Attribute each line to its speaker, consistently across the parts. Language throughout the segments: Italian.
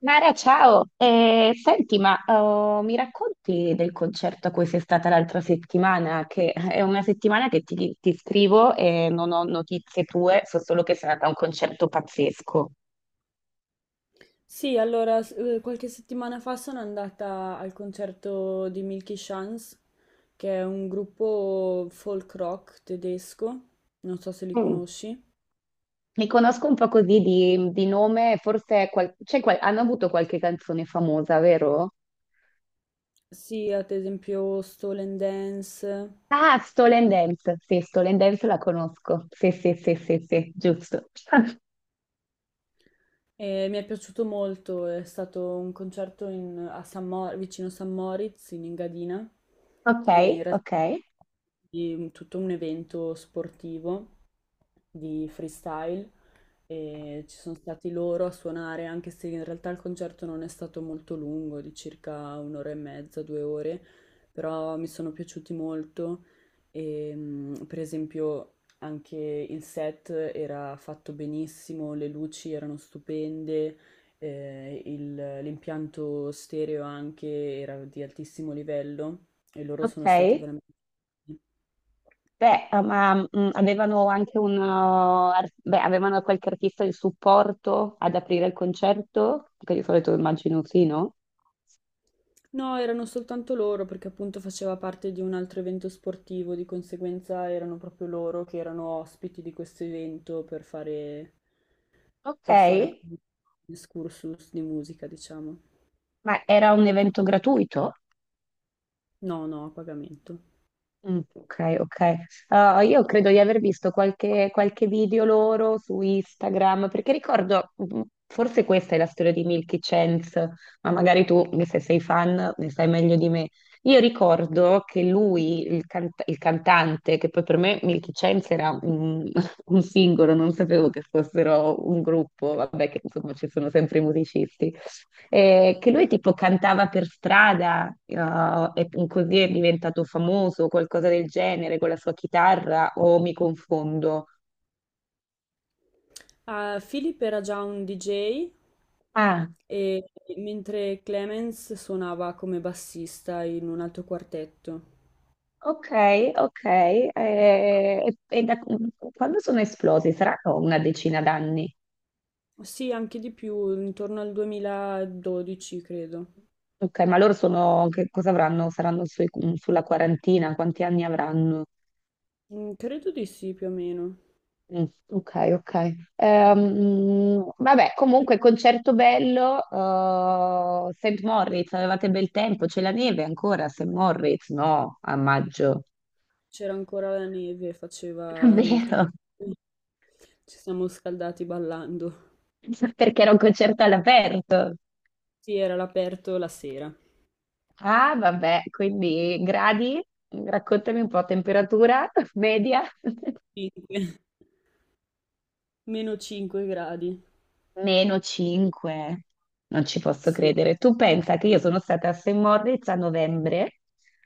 Speaker 1: Mara, ciao! Senti, ma oh, mi racconti del concerto a cui sei stata l'altra settimana? Che è una settimana che ti scrivo e non ho notizie tue, so solo che sei andata a un concerto pazzesco.
Speaker 2: Qualche settimana fa sono andata al concerto di Milky Chance, che è un gruppo folk rock tedesco, non so se li
Speaker 1: Mm.
Speaker 2: conosci.
Speaker 1: Mi conosco un po' così di nome, forse hanno avuto qualche canzone famosa, vero?
Speaker 2: Sì, ad esempio Stolen Dance.
Speaker 1: Ah, Stolen Dance, sì, Stolen Dance la conosco. Sì, sì, sì, sì, sì, giusto.
Speaker 2: E mi è piaciuto molto, è stato un a vicino San Moritz, in Engadina,
Speaker 1: Ok,
Speaker 2: e in realtà
Speaker 1: ok,
Speaker 2: di tutto un evento sportivo di freestyle, e ci sono stati loro a suonare, anche se in realtà il concerto non è stato molto lungo, di circa un'ora e mezza, due ore, però mi sono piaciuti molto. E per esempio anche il set era fatto benissimo, le luci erano stupende, l'impianto stereo anche era di altissimo livello, e loro
Speaker 1: ok.
Speaker 2: sono stati veramente...
Speaker 1: Beh, ma avevano anche un... ar- beh, avevano qualche artista di supporto ad aprire il concerto, che di solito immagino sì, no?
Speaker 2: No, erano soltanto loro perché appunto faceva parte di un altro evento sportivo, di conseguenza erano proprio loro che erano ospiti di questo evento
Speaker 1: Ok,
Speaker 2: per fare appunto un excursus di musica, diciamo.
Speaker 1: ma era un evento gratuito?
Speaker 2: No, no, a pagamento.
Speaker 1: Mm, ok, ok. Io credo di aver visto qualche video loro su Instagram, perché ricordo, forse questa è la storia di Milky Chance, ma magari tu, se sei fan, ne sai meglio di me. Io ricordo che lui, il, cant- il cantante, che poi per me Milky Chance era un singolo, non sapevo che fossero un gruppo, vabbè che insomma ci sono sempre i musicisti. Che lui tipo cantava per strada, e così è diventato famoso, qualcosa del genere, con la sua chitarra, o mi confondo?
Speaker 2: Ah, Philip era già un DJ,
Speaker 1: Ah,
Speaker 2: e mentre Clemens suonava come bassista in un altro quartetto.
Speaker 1: ok, ok. Quando sono esplosi? Saranno una decina d'anni.
Speaker 2: Sì, anche di più, intorno al 2012 credo.
Speaker 1: Ok, ma loro sono, che cosa avranno? Saranno sulla quarantina, quanti anni avranno?
Speaker 2: Mm, credo di sì, più o meno.
Speaker 1: Mm, ok, ok. Vabbè, comunque concerto bello, St. Moritz, avevate bel tempo, c'è la neve ancora a St. Moritz? No, a maggio.
Speaker 2: C'era ancora la neve,
Speaker 1: È
Speaker 2: faceva molto
Speaker 1: vero,
Speaker 2: freddo. Ci siamo scaldati ballando.
Speaker 1: perché era un concerto all'aperto.
Speaker 2: Sì, era all'aperto la sera.
Speaker 1: Ah, vabbè, quindi gradi, raccontami un po', temperatura media.
Speaker 2: 5, meno 5 gradi.
Speaker 1: Meno 5, non ci posso
Speaker 2: Sì.
Speaker 1: credere. Tu pensa che io sono stata a St. Moritz a novembre,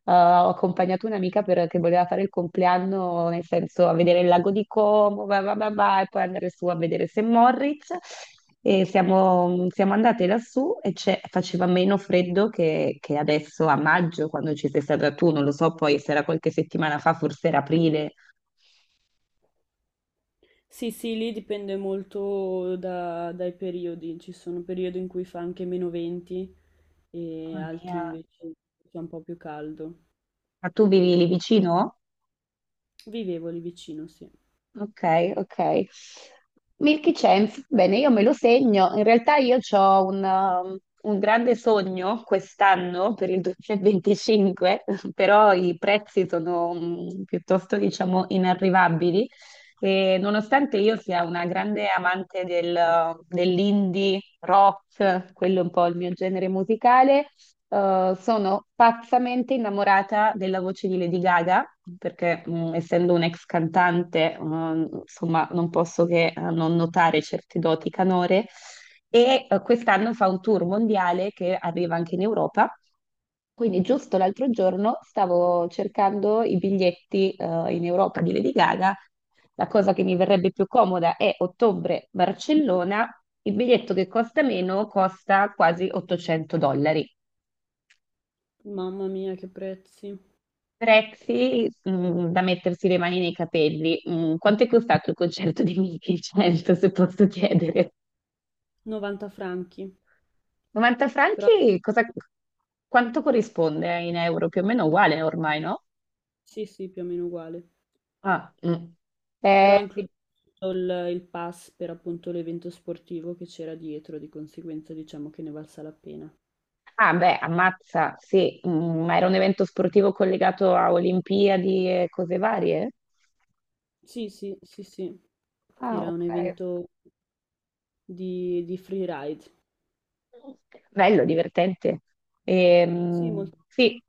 Speaker 1: ho accompagnato un'amica che voleva fare il compleanno, nel senso a vedere il lago di Como, va, va, va, va, e poi andare su a vedere St. Moritz. E siamo andate lassù e faceva meno freddo che adesso a maggio, quando ci sei stata tu, non lo so, poi se era qualche settimana fa, forse era aprile.
Speaker 2: Sì, sì, lì dipende molto dai periodi, ci sono periodi in cui fa anche meno 20 e
Speaker 1: Mamma
Speaker 2: altri
Speaker 1: mia,
Speaker 2: invece in cui fa un po' più caldo.
Speaker 1: ma tu vivi lì vicino?
Speaker 2: Vivevo lì vicino, sì.
Speaker 1: Ok, ok. Milky Chance, bene, io me lo segno. In realtà io ho un grande sogno quest'anno per il 2025, però i prezzi sono piuttosto, diciamo, inarrivabili. E nonostante io sia una grande amante dell'indie rock, quello è un po' il mio genere musicale, sono pazzamente innamorata della voce di Lady Gaga, perché essendo un'ex cantante, insomma, non posso che non notare certe doti canore. E quest'anno fa un tour mondiale che arriva anche in Europa. Quindi giusto l'altro giorno stavo cercando i biglietti in Europa di Lady Gaga. La cosa che mi verrebbe più comoda è ottobre-Barcellona. Il biglietto che costa meno costa quasi 800 dollari.
Speaker 2: Mamma mia, che prezzi!
Speaker 1: Prezzi da mettersi le mani nei capelli. Quanto è costato il concerto di Michi? 100, se posso chiedere.
Speaker 2: 90 franchi,
Speaker 1: 90
Speaker 2: però
Speaker 1: franchi, cosa, quanto corrisponde in euro? Più o meno uguale ormai, no?
Speaker 2: sì, sì, più o meno uguale.
Speaker 1: Ah, mm.
Speaker 2: Però
Speaker 1: Sì.
Speaker 2: include tutto il pass per appunto l'evento sportivo che c'era dietro, di conseguenza diciamo che ne valsa la pena.
Speaker 1: Ah, beh, ammazza, sì, ma era un evento sportivo collegato a Olimpiadi e cose varie?
Speaker 2: Sì, sì, sì, sì,
Speaker 1: Ah,
Speaker 2: era un
Speaker 1: ok.
Speaker 2: evento di freeride.
Speaker 1: Bello, divertente.
Speaker 2: Sì, molto.
Speaker 1: Sì,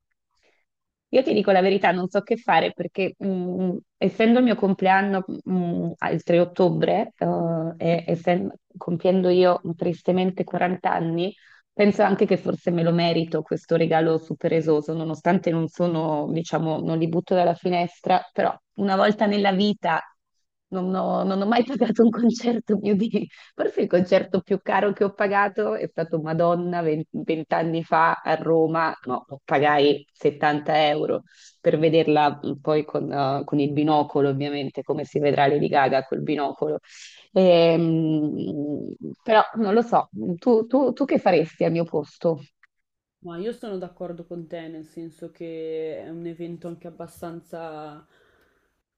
Speaker 1: io ti dico la verità, non so che fare perché essendo il mio compleanno il 3 ottobre compiendo io tristemente 40 anni, penso anche che forse me lo merito questo regalo super esoso, nonostante non sono, diciamo, non li butto dalla finestra, però una volta nella vita non ho mai pagato un concerto mio di Forse il concerto più caro che ho pagato è stato Madonna 20 anni fa a Roma, no, pagai 70 euro per vederla poi con il binocolo, ovviamente, come si vedrà Lady Gaga col binocolo. Ehm, Però non lo so, tu che faresti al mio posto?
Speaker 2: Ma io sono d'accordo con te, nel senso che è un evento anche abbastanza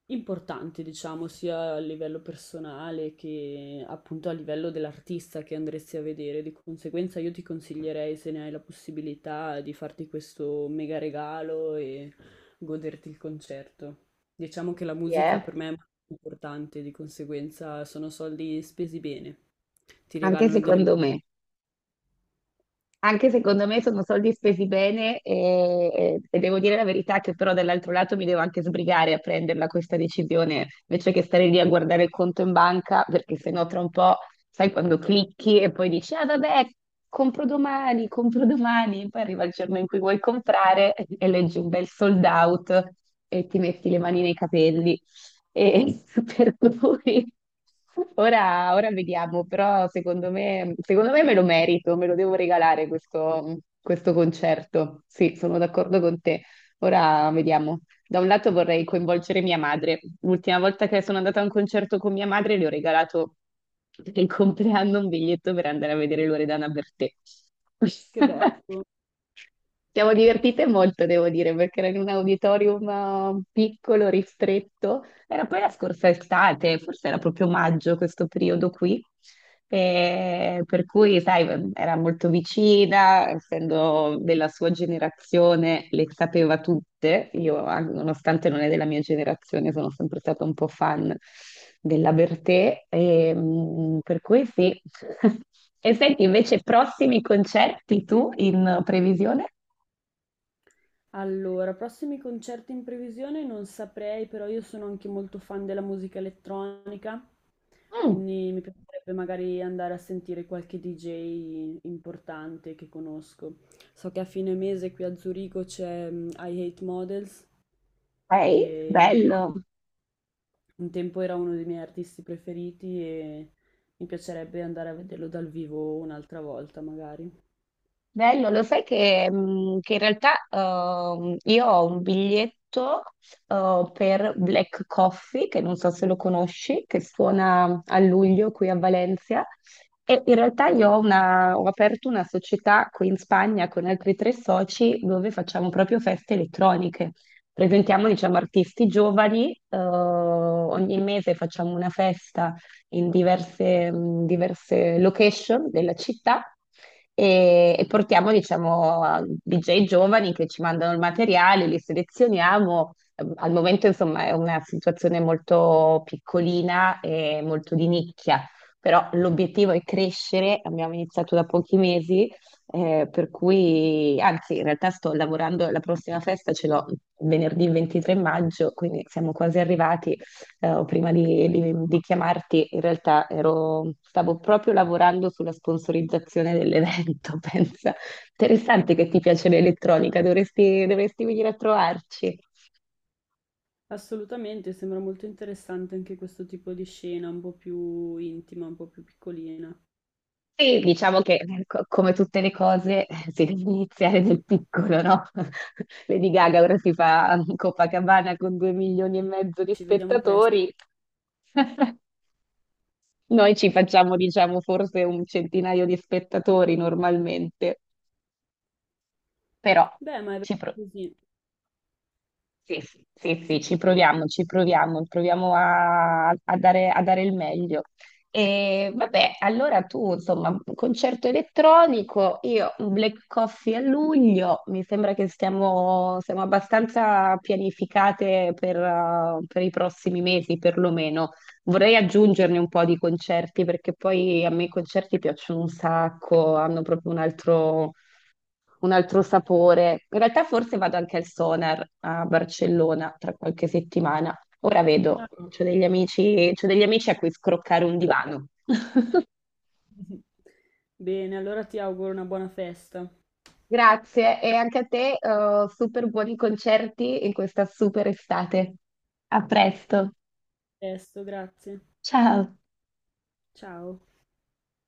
Speaker 2: importante, diciamo, sia a livello personale che appunto a livello dell'artista che andresti a vedere. Di conseguenza io ti consiglierei, se ne hai la possibilità, di farti questo mega regalo e goderti il concerto. Diciamo che la
Speaker 1: Sì,
Speaker 2: musica
Speaker 1: eh?
Speaker 2: per me è molto importante, di conseguenza sono soldi spesi bene. Ti
Speaker 1: Anche
Speaker 2: regalano delle...
Speaker 1: secondo me. Anche secondo me sono soldi spesi bene e devo dire la verità che però dall'altro lato mi devo anche sbrigare a prenderla questa decisione invece che stare lì a guardare il conto in banca perché sennò tra un po' sai quando clicchi e poi dici ah vabbè compro domani, poi arriva il giorno in cui vuoi comprare e leggi un bel sold out e ti metti le mani nei capelli. E per cui ora vediamo, però secondo me me lo merito, me lo devo regalare questo concerto. Sì, sono d'accordo con te. Ora vediamo. Da un lato vorrei coinvolgere mia madre. L'ultima volta che sono andata a un concerto con mia madre le ho regalato per il compleanno un biglietto per andare a vedere Loredana Bertè.
Speaker 2: Che bello!
Speaker 1: Siamo divertite molto, devo dire, perché era in un auditorium piccolo, ristretto. Era poi la scorsa estate, forse era proprio maggio questo periodo qui. E per cui, sai, era molto vicina, essendo della sua generazione, le sapeva tutte. Io, nonostante non è della mia generazione, sono sempre stata un po' fan della Bertè. E, per cui sì. E senti, invece, prossimi concerti tu in previsione?
Speaker 2: Allora, prossimi concerti in previsione non saprei, però io sono anche molto fan della musica elettronica,
Speaker 1: Mm,
Speaker 2: quindi mi piacerebbe magari andare a sentire qualche DJ importante che conosco. So che a fine mese qui a Zurigo c'è I Hate Models,
Speaker 1: ok,
Speaker 2: che
Speaker 1: bello.
Speaker 2: un tempo era uno dei miei artisti preferiti, e mi piacerebbe andare a vederlo dal vivo un'altra volta magari.
Speaker 1: Bello, lo sai che, che in realtà io ho un biglietto per Black Coffee, che non so se lo conosci, che suona a luglio qui a Valencia. E in realtà io ho, ho aperto una società qui in Spagna con altri tre soci dove facciamo proprio feste elettroniche. Presentiamo, diciamo, artisti giovani, ogni mese facciamo una festa in diverse location della città e portiamo, diciamo, a DJ giovani che ci mandano il materiale, li selezioniamo. Al momento, insomma, è una situazione molto piccolina e molto di nicchia, però l'obiettivo è crescere, abbiamo iniziato da pochi mesi, per cui, anzi, in realtà sto lavorando, la prossima festa ce l'ho venerdì 23 maggio, quindi siamo quasi arrivati o prima di chiamarti, in realtà ero, stavo proprio lavorando sulla sponsorizzazione dell'evento, pensa. Interessante che ti piace l'elettronica, dovresti, dovresti venire a trovarci.
Speaker 2: Assolutamente, sembra molto interessante anche questo tipo di scena, un po' più intima, un po' più piccolina.
Speaker 1: Sì, diciamo che come tutte le cose si deve iniziare nel piccolo, no? Lady Gaga ora si fa Copacabana con 2,5 milioni di
Speaker 2: Ci vediamo presto.
Speaker 1: spettatori. Noi ci facciamo, diciamo, forse un centinaio di spettatori normalmente, però
Speaker 2: Beh, ma è vero così.
Speaker 1: Sì, sì, sì, sì, ci proviamo, proviamo a, a dare il meglio. E vabbè, allora tu, insomma, concerto elettronico, io un Black Coffee a luglio, mi sembra che siamo abbastanza pianificate per i prossimi mesi, perlomeno. Vorrei aggiungerne un po' di concerti, perché poi a me i concerti piacciono un sacco, hanno proprio un altro sapore. In realtà forse vado anche al Sonar a Barcellona tra qualche settimana. Ora vedo,
Speaker 2: Ah.
Speaker 1: c'ho degli amici a cui scroccare un divano.
Speaker 2: Bene, allora ti auguro una buona festa.
Speaker 1: Grazie e anche a te, super buoni concerti in questa super estate. A presto,
Speaker 2: Presto, grazie.
Speaker 1: ciao!
Speaker 2: Ciao.